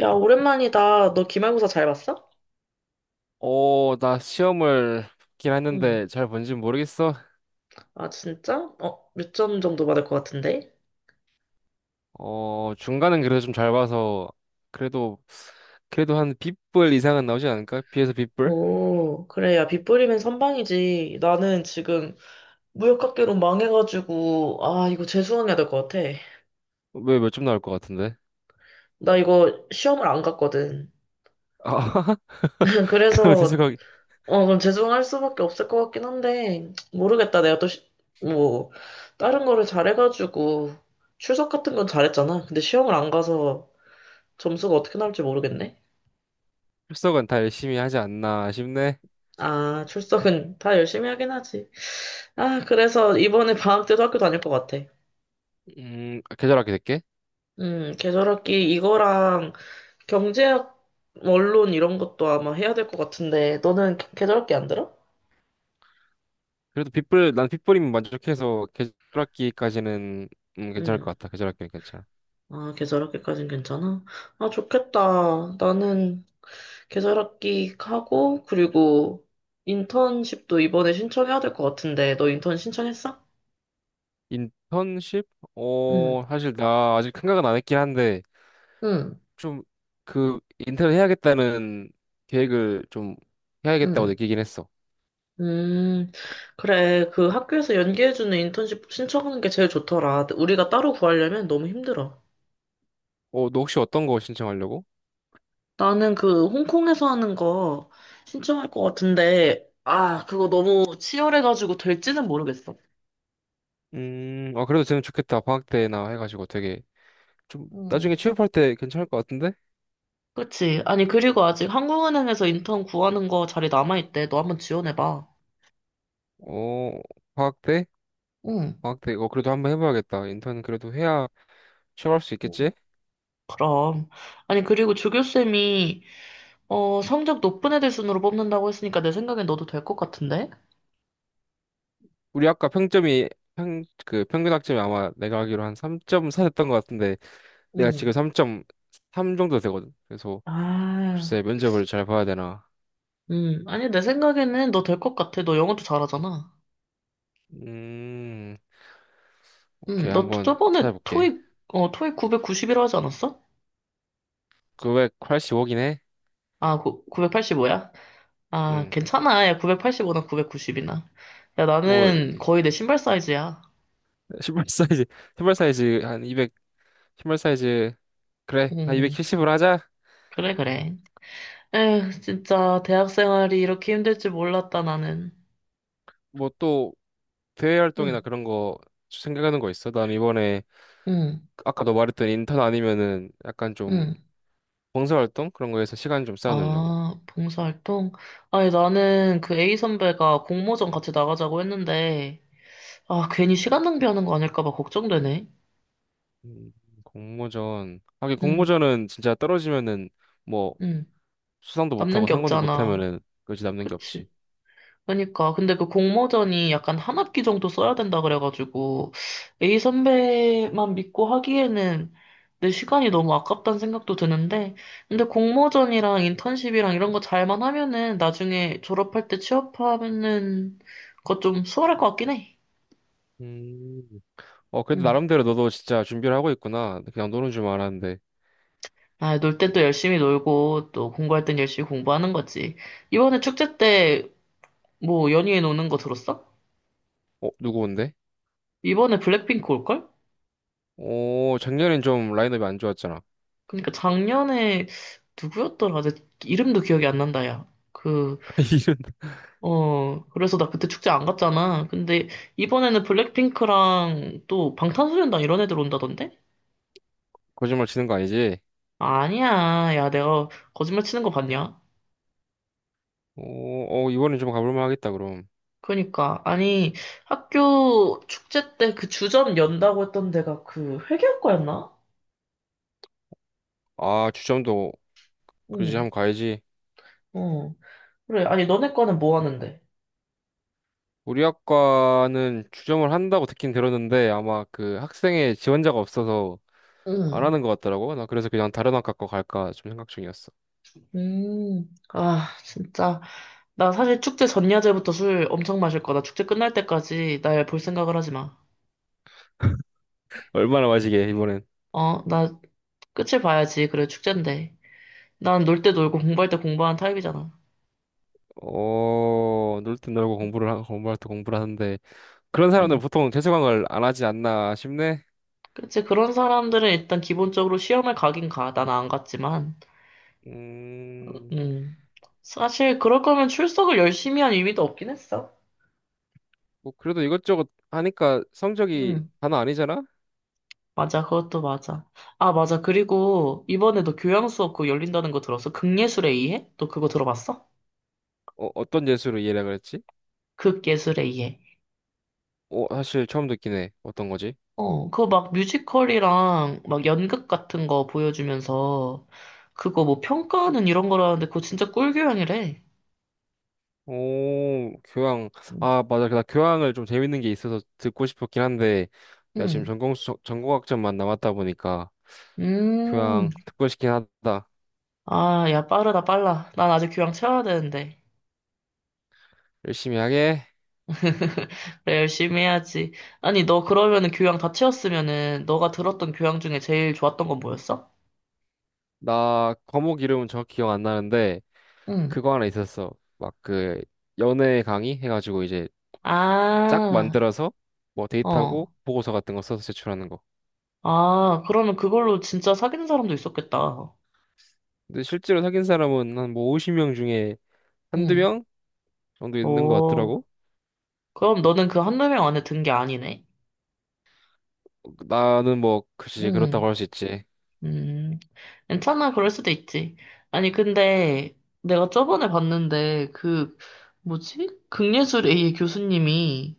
야, 오랜만이다. 너 기말고사 잘 봤어? 어, 나 시험을 긴 응. 했는데 잘 본지 모르겠어. 아, 진짜? 어, 몇 점 정도 받을 것 같은데? 중간은 그래도 좀 잘 봐서 그래도 그래도 한 B불 이상은 나오지 않을까? B에서 B불? 오, 그래. 야, 빗 뿌리면 선방이지. 나는 지금 무역학개론 망해가지고, 아, 이거 재수강해야 될 것 같아. 왜 몇 점 나올 것 같은데? 나 이거 시험을 안 갔거든. 아, 그럼 그래서, 재수강. 어, 그럼 재수강할 수밖에 없을 것 같긴 한데, 모르겠다. 내가 또, 뭐, 다른 거를 잘해가지고, 출석 같은 건 잘했잖아. 근데 시험을 안 가서 점수가 어떻게 나올지 모르겠네. 출석은 다 열심히 하지 않나 싶네. 아, 출석은 다 열심히 하긴 하지. 아, 그래서 이번에 방학 때도 학교 다닐 것 같아. 계절학기 될게. 계절학기 이거랑 경제학, 원론 이런 것도 아마 해야 될 것 같은데, 너는 계절학기 안 들어? 그래도 B불 난 빗불이면 만족해서 계절학기까지는 괜찮을 음. 것 같아. 계절학기는 괜찮아. 아, 계절학기까진 괜찮아? 아, 좋겠다. 나는 계절학기 하고, 그리고 인턴십도 이번에 신청해야 될 것 같은데, 너 인턴 신청했어? 인턴십? 응, 어, 사실 나 아직 생각은 안 했긴 한데. 응, 좀 그 인턴을 해야겠다는 계획을 좀 해야겠다고 응. 느끼긴 했어. 음, 그래. 그 학교에서 연계해주는 인턴십 신청하는 게 제일 좋더라. 우리가 따로 구하려면 너무 힘들어. 어, 너 혹시 어떤 거 신청하려고? 나는 그 홍콩에서 하는 거 신청할 것 같은데, 아, 그거 너무 치열해가지고 될지는 모르겠어. 아, 그래도 되면 좋겠다. 방학 때나 해가지고 되게 좀 음. 나중에 취업할 때 괜찮을 것 같은데? 그치? 아니, 그리고 아직 한국은행에서 인턴 구하는 거 자리 남아있대. 너 한번 지원해봐. 어, 방학 때? 응. 방학 때, 그래도 한번 해봐야겠다. 인턴 그래도 해야 취업할 수 있겠지? 응. 그럼. 아니, 그리고 조교쌤이, 어, 성적 높은 애들 순으로 뽑는다고 했으니까 내 생각엔 너도 될 것 같은데? 우리 아까 평점이 그 평균 학점이 아마 내가 알기로 한 3.4 됐던 것 같은데 내가 지금 응. 3.3 정도 되거든. 그래서 아. 글쎄 면접을 잘 봐야 되나. 아니, 내 생각에는 너 될 것 같아. 너 영어도 잘하잖아. 음. 오케이, 너 한번 저번에 찾아볼게. 토익, 어, 토익 990이라 하지 않았어? 그 985긴 해? 아, 구, 985야? 아, 응. 괜찮아. 야, 985나 990이나. 야, 뭐, 나는 거의 내 신발 사이즈야. 신발 사이즈, 신발 사이즈 한 200, 신발 사이즈, 그래, 한 음, 270으로 하자. 그래, 그래. 에휴, 진짜, 대학 생활이 이렇게 힘들 줄 몰랐다, 나는. 뭐 또, 대외 응, 활동이나 그런 거 생각하는 거 있어? 난 이번에, 응, 아까 너 말했던 인턴 아니면은 약간 좀 응. 봉사 활동? 그런 거에서 시간 좀 쌓아놓으려고. 아, 봉사활동? 아니, 나는 그 A 선배가 공모전 같이 나가자고 했는데, 아, 괜히 시간 낭비하는 거 아닐까 봐 걱정되네. 음, 공모전. 하긴 음, 공모전은 진짜 떨어지면은 뭐, 음. 수상도 남는 못하고 게 상관도 없잖아. 못하면은 그지 남는 게 없지. 그치. 그러니까. 근데 그 공모전이 약간 한 학기 정도 써야 된다 그래가지고, A 선배만 믿고 하기에는 내 시간이 너무 아깝다는 생각도 드는데, 근데 공모전이랑 인턴십이랑 이런 거 잘만 하면은 나중에 졸업할 때 취업하면은 그거 좀 수월할 것 같긴 해. 음. 어, 그래도 음. 나름대로 너도 진짜 준비를 하고 있구나. 그냥 노는 줄 알았는데. 아, 놀 땐 또 열심히 놀고, 또 공부할 땐 열심히 공부하는 거지. 이번에 축제 때 뭐 연예인 오는 거 들었어? 어, 누구 온대? 이번에 블랙핑크 올걸? 어, 작년엔 좀 라인업이 안 좋았잖아. 그러니까 작년에 누구였더라? 내 이름도 기억이 안 난다, 야. 그, 이런. 어, 그래서 나 그때 축제 안 갔잖아. 근데 이번에는 블랙핑크랑 또 방탄소년단 이런 애들 온다던데? 거짓말 치는 거 아니지? 아니야. 야, 내가 거짓말 치는 거 봤냐? 어, 어, 이번엔 좀 가볼만 하겠다, 그럼. 그러니까 아니 학교 축제 때 그 주점 연다고 했던 데가 그 회계학과였나? 아, 주점도, 그러지, 응, 한번 가야지. 어. 그래. 아니 너네 과는 뭐 하는데? 우리 학과는 주점을 한다고 듣긴 들었는데, 아마 그 학생의 지원자가 없어서 안 응. 하는 것 같더라고. 나 그래서 그냥 다른 학과 거 갈까 좀 생각 중이었어. 아, 진짜. 나 사실 축제 전야제부터 술 엄청 마실 거다. 축제 끝날 때까지 날 볼 생각을 하지 마. 얼마나 마시게, 이번엔. 어, 나 끝을 봐야지. 그래, 축제인데. 난 놀 때 놀고 공부할 때 공부하는 타입이잖아. 어, 놀 땐 놀고 공부를, 공부할 때 공부를 하는데, 그런 사람들 음, 보통 재수강을 안 하지 않나 싶네. 그치. 그런 사람들은 일단 기본적으로 시험을 가긴 가. 나는 안 갔지만. 음, 음, 사실 그럴 거면 출석을 열심히 한 의미도 없긴 했어. 뭐 그래도 이것저것 하니까 성적이 음, 단어 아니잖아? 맞아. 그것도 맞아. 아, 맞아. 그리고 이번에 너 교양 수업 그거 열린다는 거 들었어? 극예술의 이해? 너 그거 들어봤어? 어, 어떤 재수로 이해를 그랬지? 극 예술에 의해. 어, 사실 처음 듣긴 해. 어떤 거지? 어, 그거 막 뮤지컬이랑 막 연극 같은 거 보여주면서 그거 뭐 평가하는 이런 거라는데 그거 진짜 꿀교양이래. 오, 교양. 아, 맞아. 나 교양을 좀 재밌는 게 있어서 듣고 싶었긴 한데, 내가 지금 응. 전공, 전공학점만 남았다 보니까, 음. 교양 듣고 싶긴 하다. 아, 야, 빠르다, 빨라. 난 아직 교양 채워야 되는데. 열심히 하게. 그래, 열심히 해야지. 아니, 너 그러면은 교양 다 채웠으면은 너가 들었던 교양 중에 제일 좋았던 건 뭐였어? 나 과목 이름은 정확히 기억 안 나는데, 응. 그거 하나 있었어. 막 그, 연애 강의 해가지고 이제 쫙 아, 만들어서 뭐 데이트하고 어. 보고서 같은 거 써서 제출하는 거. 아, 그러면 그걸로 진짜 사귀는 사람도 있었겠다. 근데 실제로 사귄 사람은 한 뭐 50명 중에 한두 응. 명 정도 있는 것 오. 같더라고. 그럼 너는 그 한두 명 안에 든 게 아니네? 나는 뭐 글쎄 그렇다고 음, 할 수 있지. 음, 괜찮아, 그럴 수도 있지. 아니, 근데 내가 저번에 봤는데, 그, 뭐지? 극예술 A의 교수님이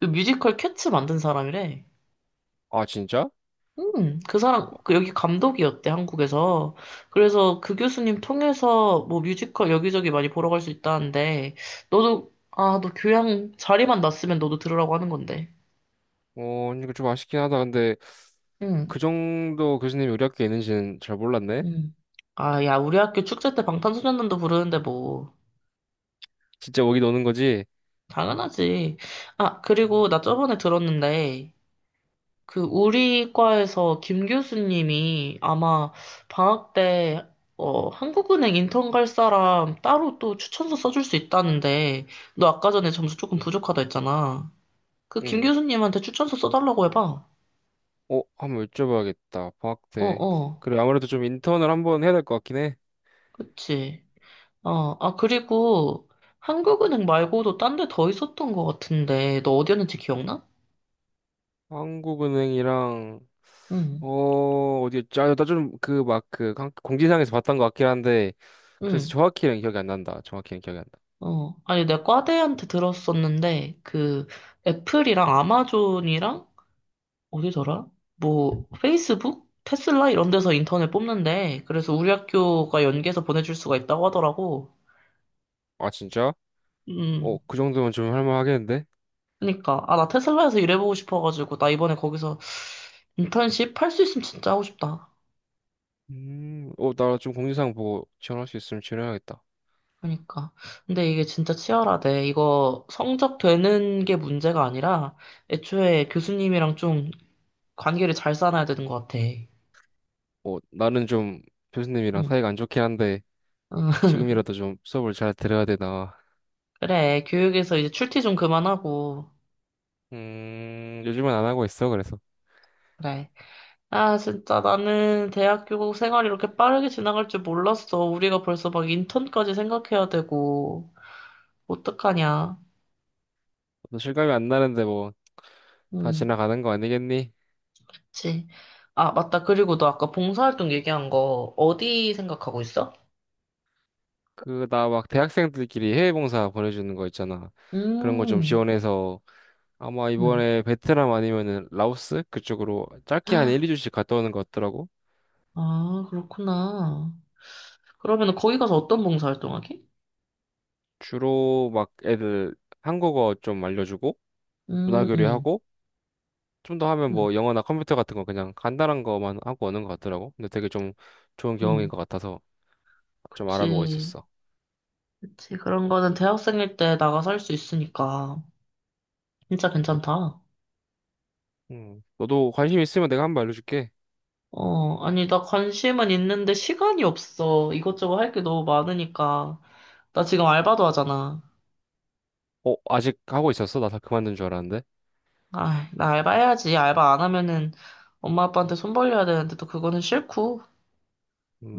그 뮤지컬 캣츠 만든 사람이래. 아 진짜? 그 사람, 그 여기 감독이었대, 한국에서. 그래서 그 교수님 통해서 뭐 뮤지컬 여기저기 많이 보러 갈 수 있다는데, 너도, 아, 너 교양 자리만 났으면 너도 들으라고 하는 건데. 어 이거 좀 아쉽긴 하다. 근데 그 정도 교수님이 우리 학교에 있는지는 잘 몰랐네. 음. 아, 야, 우리 학교 축제 때 방탄소년단도 부르는데 뭐 진짜 오긴 오는 거지? 당연하지. 아, 음. 그리고 나 저번에 들었는데 그 우리 과에서 김 교수님이 아마 방학 때 어, 한국은행 인턴 갈 사람 따로 또 추천서 써줄 수 있다는데 너 아까 전에 점수 조금 부족하다 했잖아. 그 김 응. 교수님한테 추천서 써달라고 해봐. 어 한번 여쭤봐야겠다. 방학 어, 때. 어, 그래 아무래도 좀 인턴을 한번 해야 될 것 같긴 해. 그치. 어, 아, 그리고 한국은행 말고도 딴 데 더 있었던 것 같은데 너 어디였는지 기억나? 한국은행이랑 응, 어, 어디, 아, 나좀 그, 막, 그, 공지사항에서 봤던 것 같긴 한데, 그래서 응, 정확히는 기억이 안 난다. 정확히는 기억이 안 어. 아니, 내가 과대한테 들었었는데, 그, 애플이랑 아마존이랑, 어디더라? 뭐, 페이스북? 테슬라? 이런 데서 인턴을 뽑는데, 그래서 우리 학교가 연계해서 보내줄 수가 있다고 하더라고. 나. 아, 진짜? 어, 음, 그 정도면 좀 할만하겠는데? 그니까. 아, 나 테슬라에서 일해보고 싶어가지고, 나 이번에 거기서 인턴십 할 수 있으면 진짜 하고 싶다. 나 좀 공지사항 보고 지원할 수 있으면 지원해야겠다. 그니까. 근데 이게 진짜 치열하대. 이거 성적 되는 게 문제가 아니라, 애초에 교수님이랑 좀 관계를 잘 쌓아야 되는 것 같아. 어, 나는 좀 교수님이랑 응. 사이가 안 좋긴 한데, 응. 지금이라도 좀 수업을 잘 들어야 되나. 그래, 교육에서 이제 출퇴 좀 그만하고. 요즘은 안 하고 있어, 그래서. 그래. 아, 진짜 나는 대학교 생활이 이렇게 빠르게 지나갈 줄 몰랐어. 우리가 벌써 막 인턴까지 생각해야 되고. 어떡하냐. 또 실감이 안 나는데 뭐, 다 응, 지나가는 거 아니겠니? 그치. 아, 맞다. 그리고 너 아까 봉사활동 얘기한 거 어디 생각하고 있어? 그, 나 막 대학생들끼리 해외봉사 보내주는 거 있잖아. 그런 거 좀 음, 지원해서 아마 음. 이번에 베트남 아니면은 라오스 그쪽으로 짧게 한 1, 2주씩 갔다 오는 것 같더라고. 아, 그렇구나. 그러면 거기 가서 어떤 봉사활동 하게? 주로 막 애들 한국어 좀 알려주고 문화 음, 음, 교류하고 좀 더 하면 음, 뭐 영어나 컴퓨터 같은 거 그냥 간단한 거만 하고 오는 것 같더라고. 근데 되게 좀 좋은 경험인 음. 것 같아서 좀 알아보고 그치. 있었어. 그치. 그런 거는 대학생일 때 나가서 할 수 있으니까. 진짜 괜찮다. 너도 관심 있으면 내가 한번 알려줄게. 어, 아니, 나 관심은 있는데 시간이 없어. 이것저것 할 게 너무 많으니까. 나 지금 알바도 하잖아. 어, 아직 하고 있었어? 나 다 그만둔 줄 알았는데. 아, 나 알바 해야지. 알바 안 하면은 엄마 아빠한테 손 벌려야 되는데 또 그거는 싫고.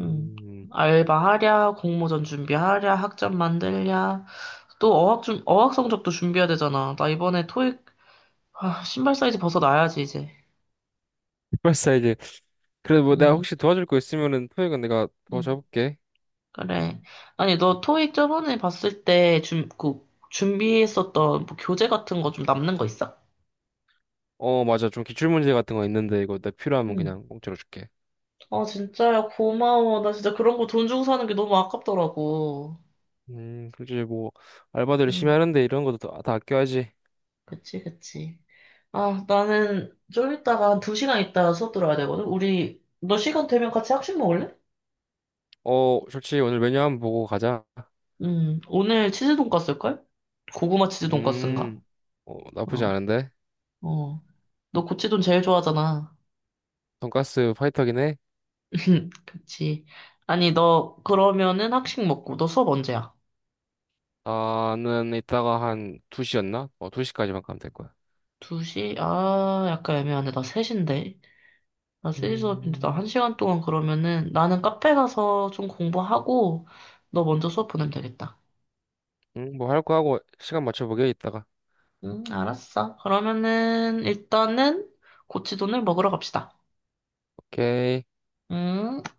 음. 알바하랴, 공모전 준비하랴, 학점 만들랴. 또 어학 성적도 준비해야 되잖아. 나 이번에 토익 아, 신발 사이즈 벗어나야지 이제. 벌써 이제 그래도 뭐 내가 음. 혹시 도와줄 거 있으면은 토익은 내가 음. 도와줘볼게. 그래. 음. 아니, 너 토익 저번에 봤을 때 그, 준비했었던 뭐 교재 같은 거 좀 남는 거 있어? 어, 맞아. 좀 기출 문제 같은 거 있는데 이거 내 필요하면 응, 그냥 공짜로 줄게. 아, 진짜야, 고마워. 나 진짜 그런 거 돈 주고 사는 게 너무 아깝더라고. 그렇지 뭐 알바들 응. 열심히 하는데 이런 것도 다 아껴야지. 그치, 그치. 아, 나는 좀 이따가 한 2시간 있다가 수업 들어야 되거든? 우리, 너 시간 되면 같이 학식 먹을래? 어, 솔직히 오늘 메뉴 한번 보고 가자. 응. 오늘 치즈 돈까스일걸? 고구마 치즈 돈까스인가? 음, 나쁘지 어, 않은데. 어. 너 고치돈 제일 좋아하잖아. 돈가스 파이터긴 해. 그치. 아니, 너, 그러면은 학식 먹고, 너 수업 언제야? 나는 이따가 한 2시였나? 어, 2시까지만 가면 될 거야. 2시? 아, 약간 애매하네. 나 3시인데. 나 3시 수업인데, 나 음, 1시간 동안 그러면은, 나는 카페 가서 좀 공부하고, 너 먼저 수업 보내면 되겠다. 음, 뭐 할 거 하고 시간 맞춰보게 이따가. 응, 알았어. 그러면은, 일단은, 고치돈을 먹으러 갑시다. 오케이. 응?